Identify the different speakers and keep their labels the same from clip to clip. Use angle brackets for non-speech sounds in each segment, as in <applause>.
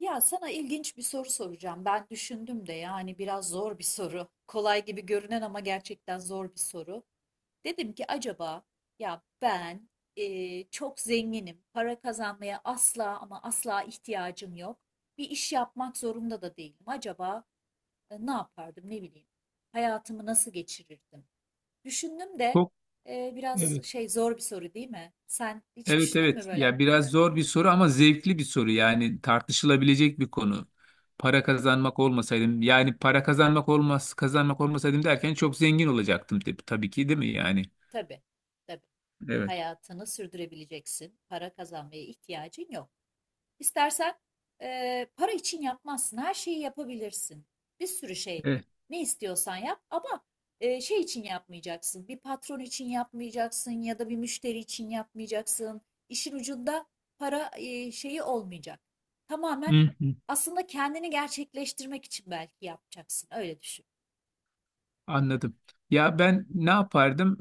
Speaker 1: Ya sana ilginç bir soru soracağım. Ben düşündüm de yani biraz zor bir soru. Kolay gibi görünen ama gerçekten zor bir soru. Dedim ki acaba ya ben çok zenginim. Para kazanmaya asla ama asla ihtiyacım yok. Bir iş yapmak zorunda da değilim. Acaba ne yapardım ne bileyim. Hayatımı nasıl geçirirdim? Düşündüm de
Speaker 2: Çok
Speaker 1: biraz
Speaker 2: evet.
Speaker 1: şey zor bir soru değil mi? Sen hiç
Speaker 2: Evet,
Speaker 1: düşündün mü
Speaker 2: evet.
Speaker 1: böyle?
Speaker 2: Ya biraz zor bir soru ama zevkli bir soru. Yani tartışılabilecek bir konu. Para kazanmak olmasaydım yani para kazanmak olmasaydım derken çok zengin olacaktım tabii, tabii ki, değil mi yani?
Speaker 1: Tabii, tabii.
Speaker 2: Evet.
Speaker 1: Hayatını sürdürebileceksin. Para kazanmaya ihtiyacın yok. İstersen para için yapmazsın. Her şeyi yapabilirsin. Bir sürü şey.
Speaker 2: Evet.
Speaker 1: Ne istiyorsan yap ama şey için yapmayacaksın. Bir patron için yapmayacaksın ya da bir müşteri için yapmayacaksın. İşin ucunda para şeyi olmayacak. Tamamen aslında kendini gerçekleştirmek için belki yapacaksın. Öyle düşün.
Speaker 2: Anladım. Ya ben ne yapardım?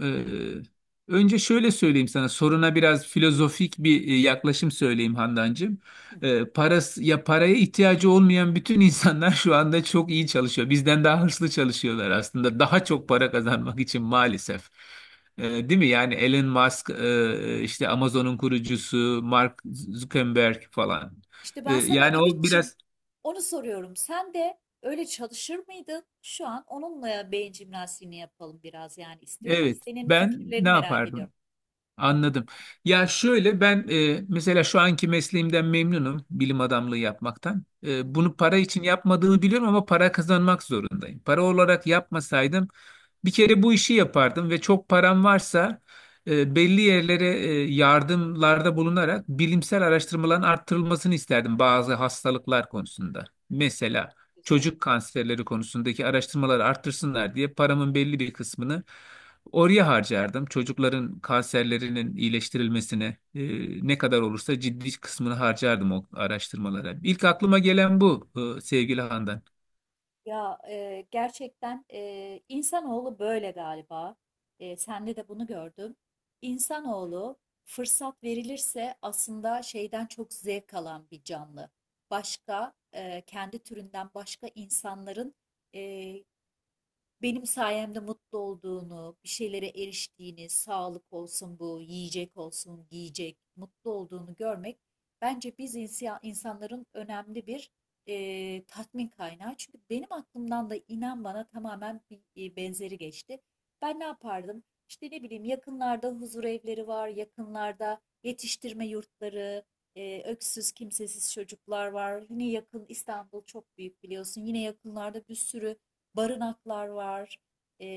Speaker 2: Önce şöyle söyleyeyim sana. Soruna biraz filozofik bir yaklaşım söyleyeyim Handancığım.
Speaker 1: Hı.
Speaker 2: Parası, ya paraya ihtiyacı olmayan bütün insanlar <laughs> şu anda çok iyi çalışıyor. Bizden daha hırslı çalışıyorlar aslında. Daha çok para kazanmak için maalesef. Değil mi? Yani Elon Musk, işte Amazon'un kurucusu, Mark Zuckerberg falan.
Speaker 1: İşte ben sana
Speaker 2: Yani o
Speaker 1: Ümitçim
Speaker 2: biraz...
Speaker 1: onu soruyorum. Sen de öyle çalışır mıydın? Şu an onunla beyin jimnastiğini yapalım biraz yani istiyorum ki
Speaker 2: Evet,
Speaker 1: senin
Speaker 2: ben
Speaker 1: fikirlerini
Speaker 2: ne
Speaker 1: merak
Speaker 2: yapardım?
Speaker 1: ediyorum.
Speaker 2: Anladım. Ya şöyle ben mesela şu anki mesleğimden memnunum, bilim adamlığı yapmaktan. E,
Speaker 1: Hı hı.
Speaker 2: bunu para için yapmadığımı biliyorum ama para kazanmak zorundayım. Para olarak yapmasaydım bir kere bu işi yapardım ve çok param varsa belli yerlere yardımlarda bulunarak bilimsel araştırmaların arttırılmasını isterdim bazı hastalıklar konusunda. Mesela
Speaker 1: Güzel.
Speaker 2: çocuk kanserleri konusundaki araştırmaları arttırsınlar diye paramın belli bir kısmını oraya harcardım. Çocukların kanserlerinin iyileştirilmesine, ne kadar olursa ciddi kısmını harcardım o araştırmalara. İlk aklıma gelen bu, sevgili Handan.
Speaker 1: Ya gerçekten insanoğlu böyle galiba. Sende de bunu gördüm. İnsanoğlu fırsat verilirse aslında şeyden çok zevk alan bir canlı. Başka kendi türünden başka insanların e, benim sayemde mutlu olduğunu, bir şeylere eriştiğini, sağlık olsun bu, yiyecek olsun, giyecek, mutlu olduğunu görmek bence biz insanların önemli bir tatmin kaynağı. Çünkü benim aklımdan da inan bana tamamen bir benzeri geçti. Ben ne yapardım? İşte ne bileyim yakınlarda huzur evleri var, yakınlarda yetiştirme yurtları, öksüz kimsesiz çocuklar var. Yine yakın İstanbul çok büyük biliyorsun. Yine yakınlarda bir sürü barınaklar var. E,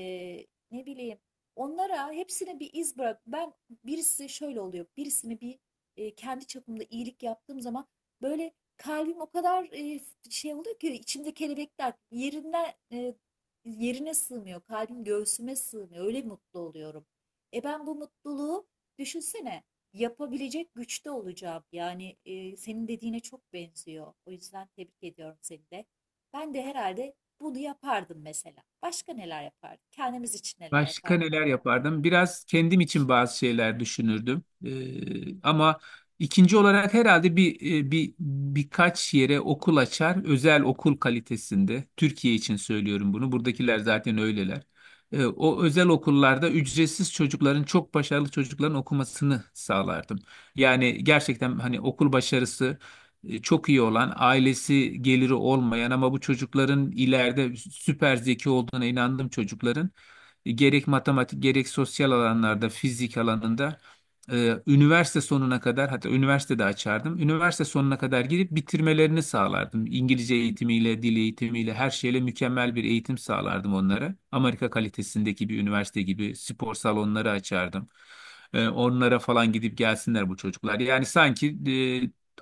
Speaker 1: Ne bileyim onlara hepsine bir iz bırak. Birisi şöyle oluyor. Birisini bir kendi çapımda iyilik yaptığım zaman böyle kalbim o kadar şey oluyor ki içimde kelebekler yerinden yerine sığmıyor. Kalbim göğsüme sığmıyor. Öyle mutlu oluyorum. E ben bu mutluluğu düşünsene yapabilecek güçte olacağım. Yani senin dediğine çok benziyor. O yüzden tebrik ediyorum seni de. Ben de herhalde bunu yapardım mesela. Başka neler yapardık? Kendimiz için neler
Speaker 2: Başka
Speaker 1: yapardık?
Speaker 2: neler yapardım? Biraz kendim için bazı şeyler düşünürdüm. Ama ikinci olarak herhalde bir, bir birkaç yere okul açar, özel okul kalitesinde. Türkiye için söylüyorum bunu. Buradakiler zaten öyleler. O özel okullarda ücretsiz çocukların, çok başarılı çocukların okumasını sağlardım. Yani gerçekten hani okul başarısı çok iyi olan, ailesi geliri olmayan ama bu çocukların ileride süper zeki olduğuna inandığım çocukların gerek matematik gerek sosyal alanlarda, fizik alanında üniversite sonuna kadar, hatta üniversite de açardım. Üniversite sonuna kadar gidip bitirmelerini sağlardım. İngilizce eğitimiyle, dil eğitimiyle, her şeyle mükemmel bir eğitim sağlardım onlara. Amerika kalitesindeki bir üniversite gibi spor salonları açardım. Onlara falan gidip gelsinler bu çocuklar. Yani sanki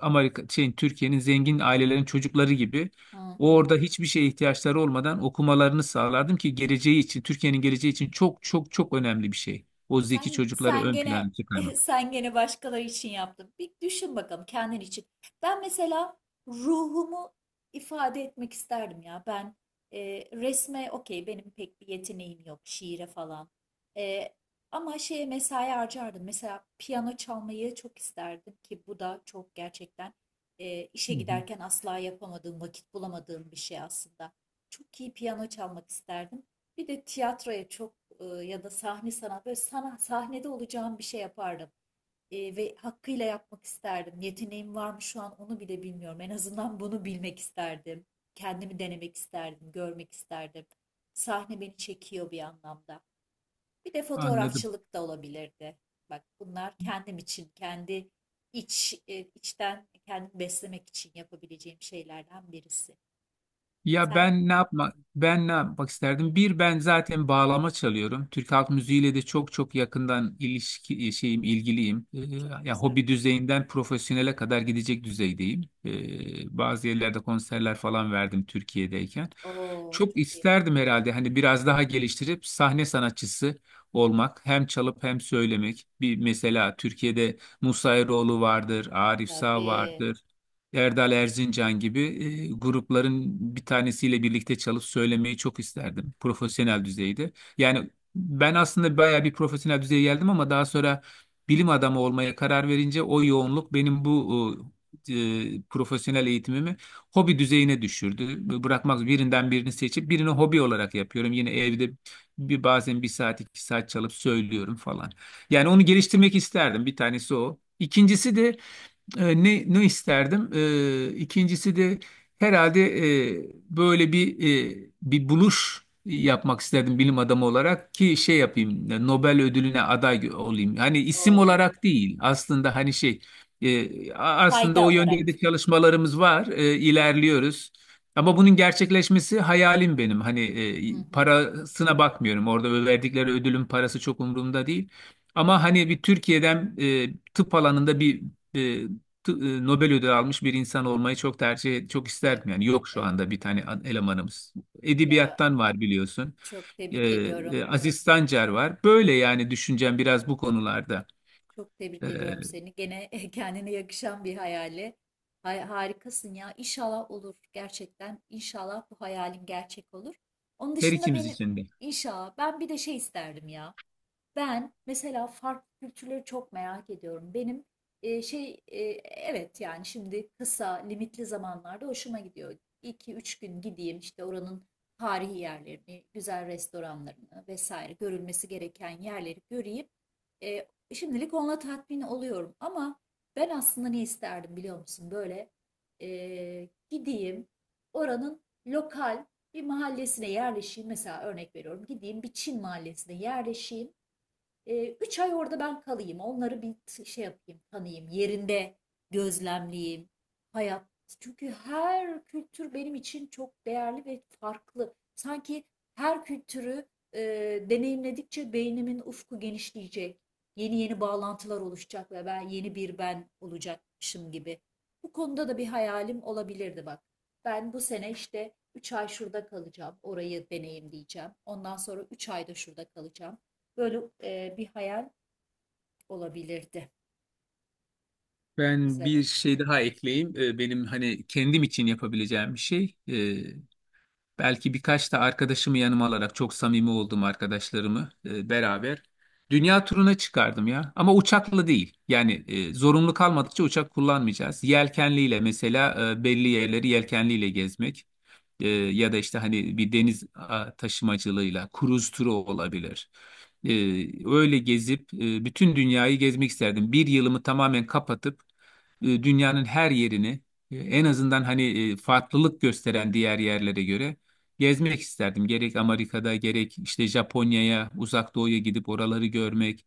Speaker 2: Amerika şeyin Türkiye'nin zengin ailelerin çocukları gibi
Speaker 1: Hı hı.
Speaker 2: orada hiçbir şeye ihtiyaçları olmadan okumalarını sağlardım ki geleceği için, Türkiye'nin geleceği için çok çok çok önemli bir şey. O zeki
Speaker 1: Sen
Speaker 2: çocukları
Speaker 1: sen
Speaker 2: ön
Speaker 1: gene
Speaker 2: plana
Speaker 1: <laughs>
Speaker 2: çıkarmak.
Speaker 1: sen gene başkaları için yaptın. Bir düşün bakalım kendin için. Ben mesela ruhumu ifade etmek isterdim ya. Ben e, resme okey benim pek bir yeteneğim yok şiire falan. E, Ama şeye mesai harcardım. Mesela piyano çalmayı çok isterdim ki bu da çok gerçekten işe
Speaker 2: Hı hı.
Speaker 1: giderken asla yapamadığım, vakit bulamadığım bir şey aslında. Çok iyi piyano çalmak isterdim. Bir de tiyatroya çok ya da sahne sanat böyle sana, sahnede olacağım bir şey yapardım. Ve hakkıyla yapmak isterdim. Yeteneğim var mı şu an onu bile bilmiyorum. En azından bunu bilmek isterdim. Kendimi denemek isterdim, görmek isterdim. Sahne beni çekiyor bir anlamda. Bir de
Speaker 2: Anladım.
Speaker 1: fotoğrafçılık da olabilirdi. Bak bunlar kendim için, kendi içten kendimi beslemek için yapabileceğim şeylerden birisi. Sen
Speaker 2: Ben ne yapmak isterdim? Bir ben zaten bağlama çalıyorum. Türk halk müziğiyle de çok çok yakından ilişki e, şeyim ilgiliyim.
Speaker 1: çok
Speaker 2: Ya
Speaker 1: güzel.
Speaker 2: hobi düzeyinden profesyonele kadar gidecek düzeydeyim. Bazı yerlerde konserler falan verdim Türkiye'deyken.
Speaker 1: Oo,
Speaker 2: Çok
Speaker 1: çok iyi.
Speaker 2: isterdim herhalde, hani biraz daha geliştirip sahne sanatçısı olmak, hem çalıp hem söylemek. Bir mesela Türkiye'de Musa Eroğlu vardır, Arif Sağ
Speaker 1: Tabii.
Speaker 2: vardır. Erdal Erzincan gibi grupların bir tanesiyle birlikte çalıp söylemeyi çok isterdim profesyonel düzeyde. Yani ben aslında bayağı bir profesyonel düzeye geldim ama daha sonra bilim adamı olmaya karar verince o yoğunluk benim bu e, profesyonel eğitimimi hobi düzeyine düşürdü. Bırakmak, birinden birini seçip birini hobi olarak yapıyorum. Yine evde bazen bir saat, iki saat çalıp söylüyorum falan. Yani onu geliştirmek isterdim. Bir tanesi o.
Speaker 1: Hı hı.
Speaker 2: İkincisi de, ikincisi de herhalde e, böyle bir, bir buluş yapmak isterdim bilim adamı olarak ki şey yapayım, Nobel ödülüne olayım. Hani isim
Speaker 1: O
Speaker 2: olarak değil aslında, hani şey, aslında
Speaker 1: fayda
Speaker 2: o yönde
Speaker 1: olarak.
Speaker 2: de çalışmalarımız var, ilerliyoruz. Ama bunun gerçekleşmesi hayalim benim. Hani,
Speaker 1: Hı hı.
Speaker 2: parasına bakmıyorum. Orada verdikleri ödülün parası çok umurumda değil. Ama hani bir Türkiye'den, tıp alanında bir, e, Nobel ödülü almış bir insan olmayı çok isterdim.
Speaker 1: Evet,
Speaker 2: Yani
Speaker 1: evet,
Speaker 2: yok şu
Speaker 1: evet.
Speaker 2: anda bir tane elemanımız.
Speaker 1: Ya
Speaker 2: Edebiyattan var biliyorsun.
Speaker 1: çok
Speaker 2: Ee,
Speaker 1: tebrik ediyorum Ümit.
Speaker 2: Aziz Sancar
Speaker 1: Gerçekten
Speaker 2: var. Böyle yani düşüncem biraz bu konularda.
Speaker 1: çok tebrik
Speaker 2: Ee,
Speaker 1: ediyorum seni. Gene <laughs> kendine yakışan bir hayali. Harikasın ya. İnşallah olur gerçekten. İnşallah bu hayalin gerçek olur. Onun
Speaker 2: Her
Speaker 1: dışında
Speaker 2: ikimiz
Speaker 1: benim
Speaker 2: için de.
Speaker 1: inşallah ben bir de şey isterdim ya. Ben mesela farklı kültürleri çok merak ediyorum. Benim e, şey e, evet yani şimdi kısa limitli zamanlarda hoşuma gidiyor. 2 üç gün gideyim işte oranın tarihi yerlerini, güzel restoranlarını vesaire görülmesi gereken yerleri göreyim. E, Şimdilik onunla tatmin oluyorum ama ben aslında ne isterdim biliyor musun? Böyle gideyim oranın lokal bir mahallesine yerleşeyim. Mesela örnek veriyorum gideyim bir Çin mahallesine yerleşeyim. 3 ay orada ben kalayım. Onları bir şey yapayım, tanıyayım. Yerinde gözlemleyeyim. Hayat. Çünkü her kültür benim için çok değerli ve farklı. Sanki her kültürü deneyimledikçe beynimin ufku genişleyecek. Yeni yeni bağlantılar oluşacak ve ben yeni bir ben olacakmışım gibi. Bu konuda da bir hayalim olabilirdi bak. Ben bu sene işte 3 ay şurada kalacağım. Orayı deneyimleyeceğim. Ondan sonra 3 ayda şurada kalacağım. Böyle bir hayal olabilirdi.
Speaker 2: Ben
Speaker 1: Güzel
Speaker 2: bir
Speaker 1: olur.
Speaker 2: şey daha ekleyeyim. Benim hani kendim için yapabileceğim bir şey. Belki birkaç da arkadaşımı yanıma alarak, çok samimi olduğum arkadaşlarımı beraber dünya turuna çıkardım ya. Ama uçakla değil. Yani zorunlu kalmadıkça uçak kullanmayacağız. Yelkenliyle mesela, belli yerleri yelkenliyle gezmek. Ya da işte hani bir taşımacılığıyla kruz turu olabilir. E, Öyle gezip bütün dünyayı gezmek isterdim. Bir yılımı tamamen kapatıp dünyanın her yerini, en
Speaker 1: Hı,
Speaker 2: azından hani farklılık gösteren diğer yerlere göre gezmek isterdim. Gerek Amerika'da, gerek işte Japonya'ya, Uzak Doğu'ya gidip oraları görmek.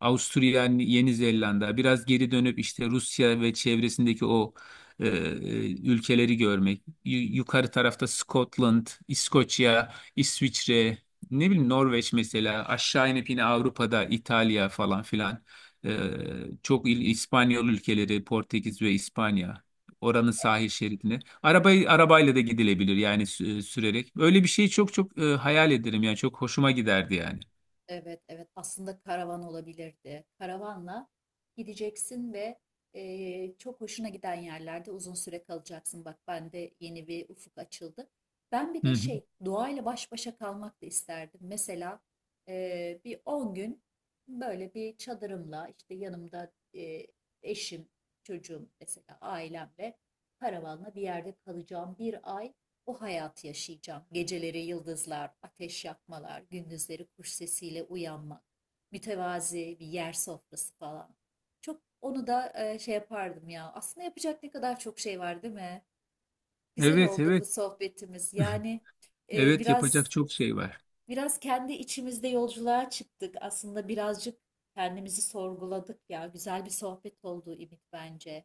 Speaker 2: Avusturya, Yeni Zelanda, biraz geri dönüp işte Rusya ve çevresindeki o e, e, ülkeleri görmek, yukarı tarafta Scotland, İskoçya, İsviçre, ne bileyim Norveç, mesela aşağı inip yine Avrupa'da İtalya falan filan. Ee, Çok İspanyol ülkeleri, Portekiz ve İspanya, oranın sahil şeridine arabayla da gidilebilir yani sürerek. Öyle bir şeyi çok çok hayal ederim yani, çok hoşuma giderdi yani.
Speaker 1: evet, evet, aslında karavan olabilirdi. Karavanla gideceksin ve çok hoşuna giden yerlerde uzun süre kalacaksın. Bak bende yeni bir ufuk açıldı. Ben bir de
Speaker 2: Hı hı.
Speaker 1: şey doğayla baş başa kalmak da isterdim. Mesela bir 10 gün böyle bir çadırımla işte yanımda eşim, çocuğum mesela ailemle karavanla bir yerde kalacağım. Bir ay o hayatı yaşayacağım. Geceleri yıldızlar, ateş yakmalar, gündüzleri kuş sesiyle uyanmak, mütevazi bir yer sofrası falan. Çok onu da şey yapardım ya. Aslında yapacak ne kadar çok şey var değil mi? Güzel
Speaker 2: Evet,
Speaker 1: oldu bu
Speaker 2: evet.
Speaker 1: sohbetimiz. Yani e,
Speaker 2: Evet, yapacak
Speaker 1: biraz
Speaker 2: çok şey var.
Speaker 1: biraz kendi içimizde yolculuğa çıktık. Aslında birazcık kendimizi sorguladık ya. Güzel bir sohbet oldu İmit bence.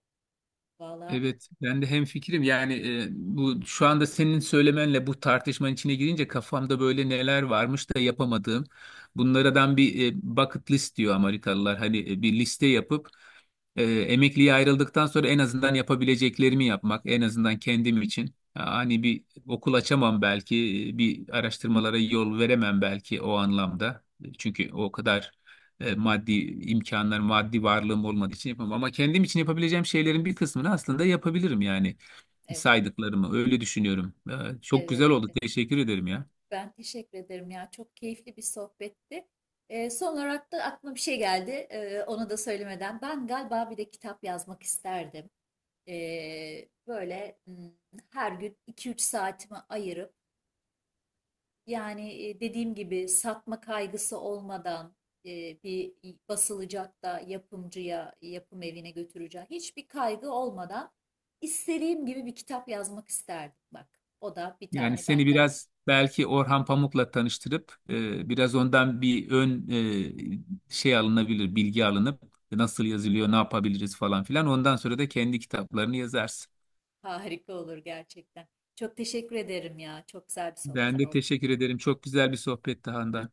Speaker 1: Valla
Speaker 2: Evet, ben de hemfikirim. Yani, bu şu anda senin söylemenle bu tartışmanın içine girince kafamda böyle neler varmış da yapamadığım. Bunlardan bir, bucket list diyor Amerikalılar. Hani bir liste yapıp emekliye ayrıldıktan sonra en azından yapabileceklerimi yapmak, en azından kendim için. Hani bir okul açamam belki, bir araştırmalara yol veremem belki o anlamda. E, çünkü o kadar maddi imkanlar, maddi varlığım olmadığı için yapamam. Ama kendim için yapabileceğim şeylerin bir kısmını aslında yapabilirim, yani
Speaker 1: evet,
Speaker 2: saydıklarımı. Öyle düşünüyorum. Çok
Speaker 1: evet,
Speaker 2: güzel oldu.
Speaker 1: evet.
Speaker 2: Teşekkür ederim ya.
Speaker 1: Ben teşekkür ederim ya. Çok keyifli bir sohbetti. Son olarak da aklıma bir şey geldi. Onu da söylemeden, ben galiba bir de kitap yazmak isterdim. Böyle hmm, her gün 2 3 saatimi ayırıp yani dediğim gibi satma kaygısı olmadan bir basılacak da yapımcıya, yapım evine götüreceğim. Hiçbir kaygı olmadan istediğim gibi bir kitap yazmak isterdim. Bak, o da bir
Speaker 2: Yani
Speaker 1: tane
Speaker 2: seni
Speaker 1: benden.
Speaker 2: biraz belki Orhan Pamuk'la tanıştırıp, biraz ondan bir ön, şey alınabilir, bilgi alınıp nasıl yazılıyor, ne yapabiliriz falan filan. Ondan sonra da kendi kitaplarını yazarsın.
Speaker 1: Harika olur gerçekten. Çok teşekkür ederim ya. Çok güzel bir
Speaker 2: Ben
Speaker 1: sohbet
Speaker 2: de
Speaker 1: oldu.
Speaker 2: teşekkür ederim. Çok güzel bir sohbetti, Handan.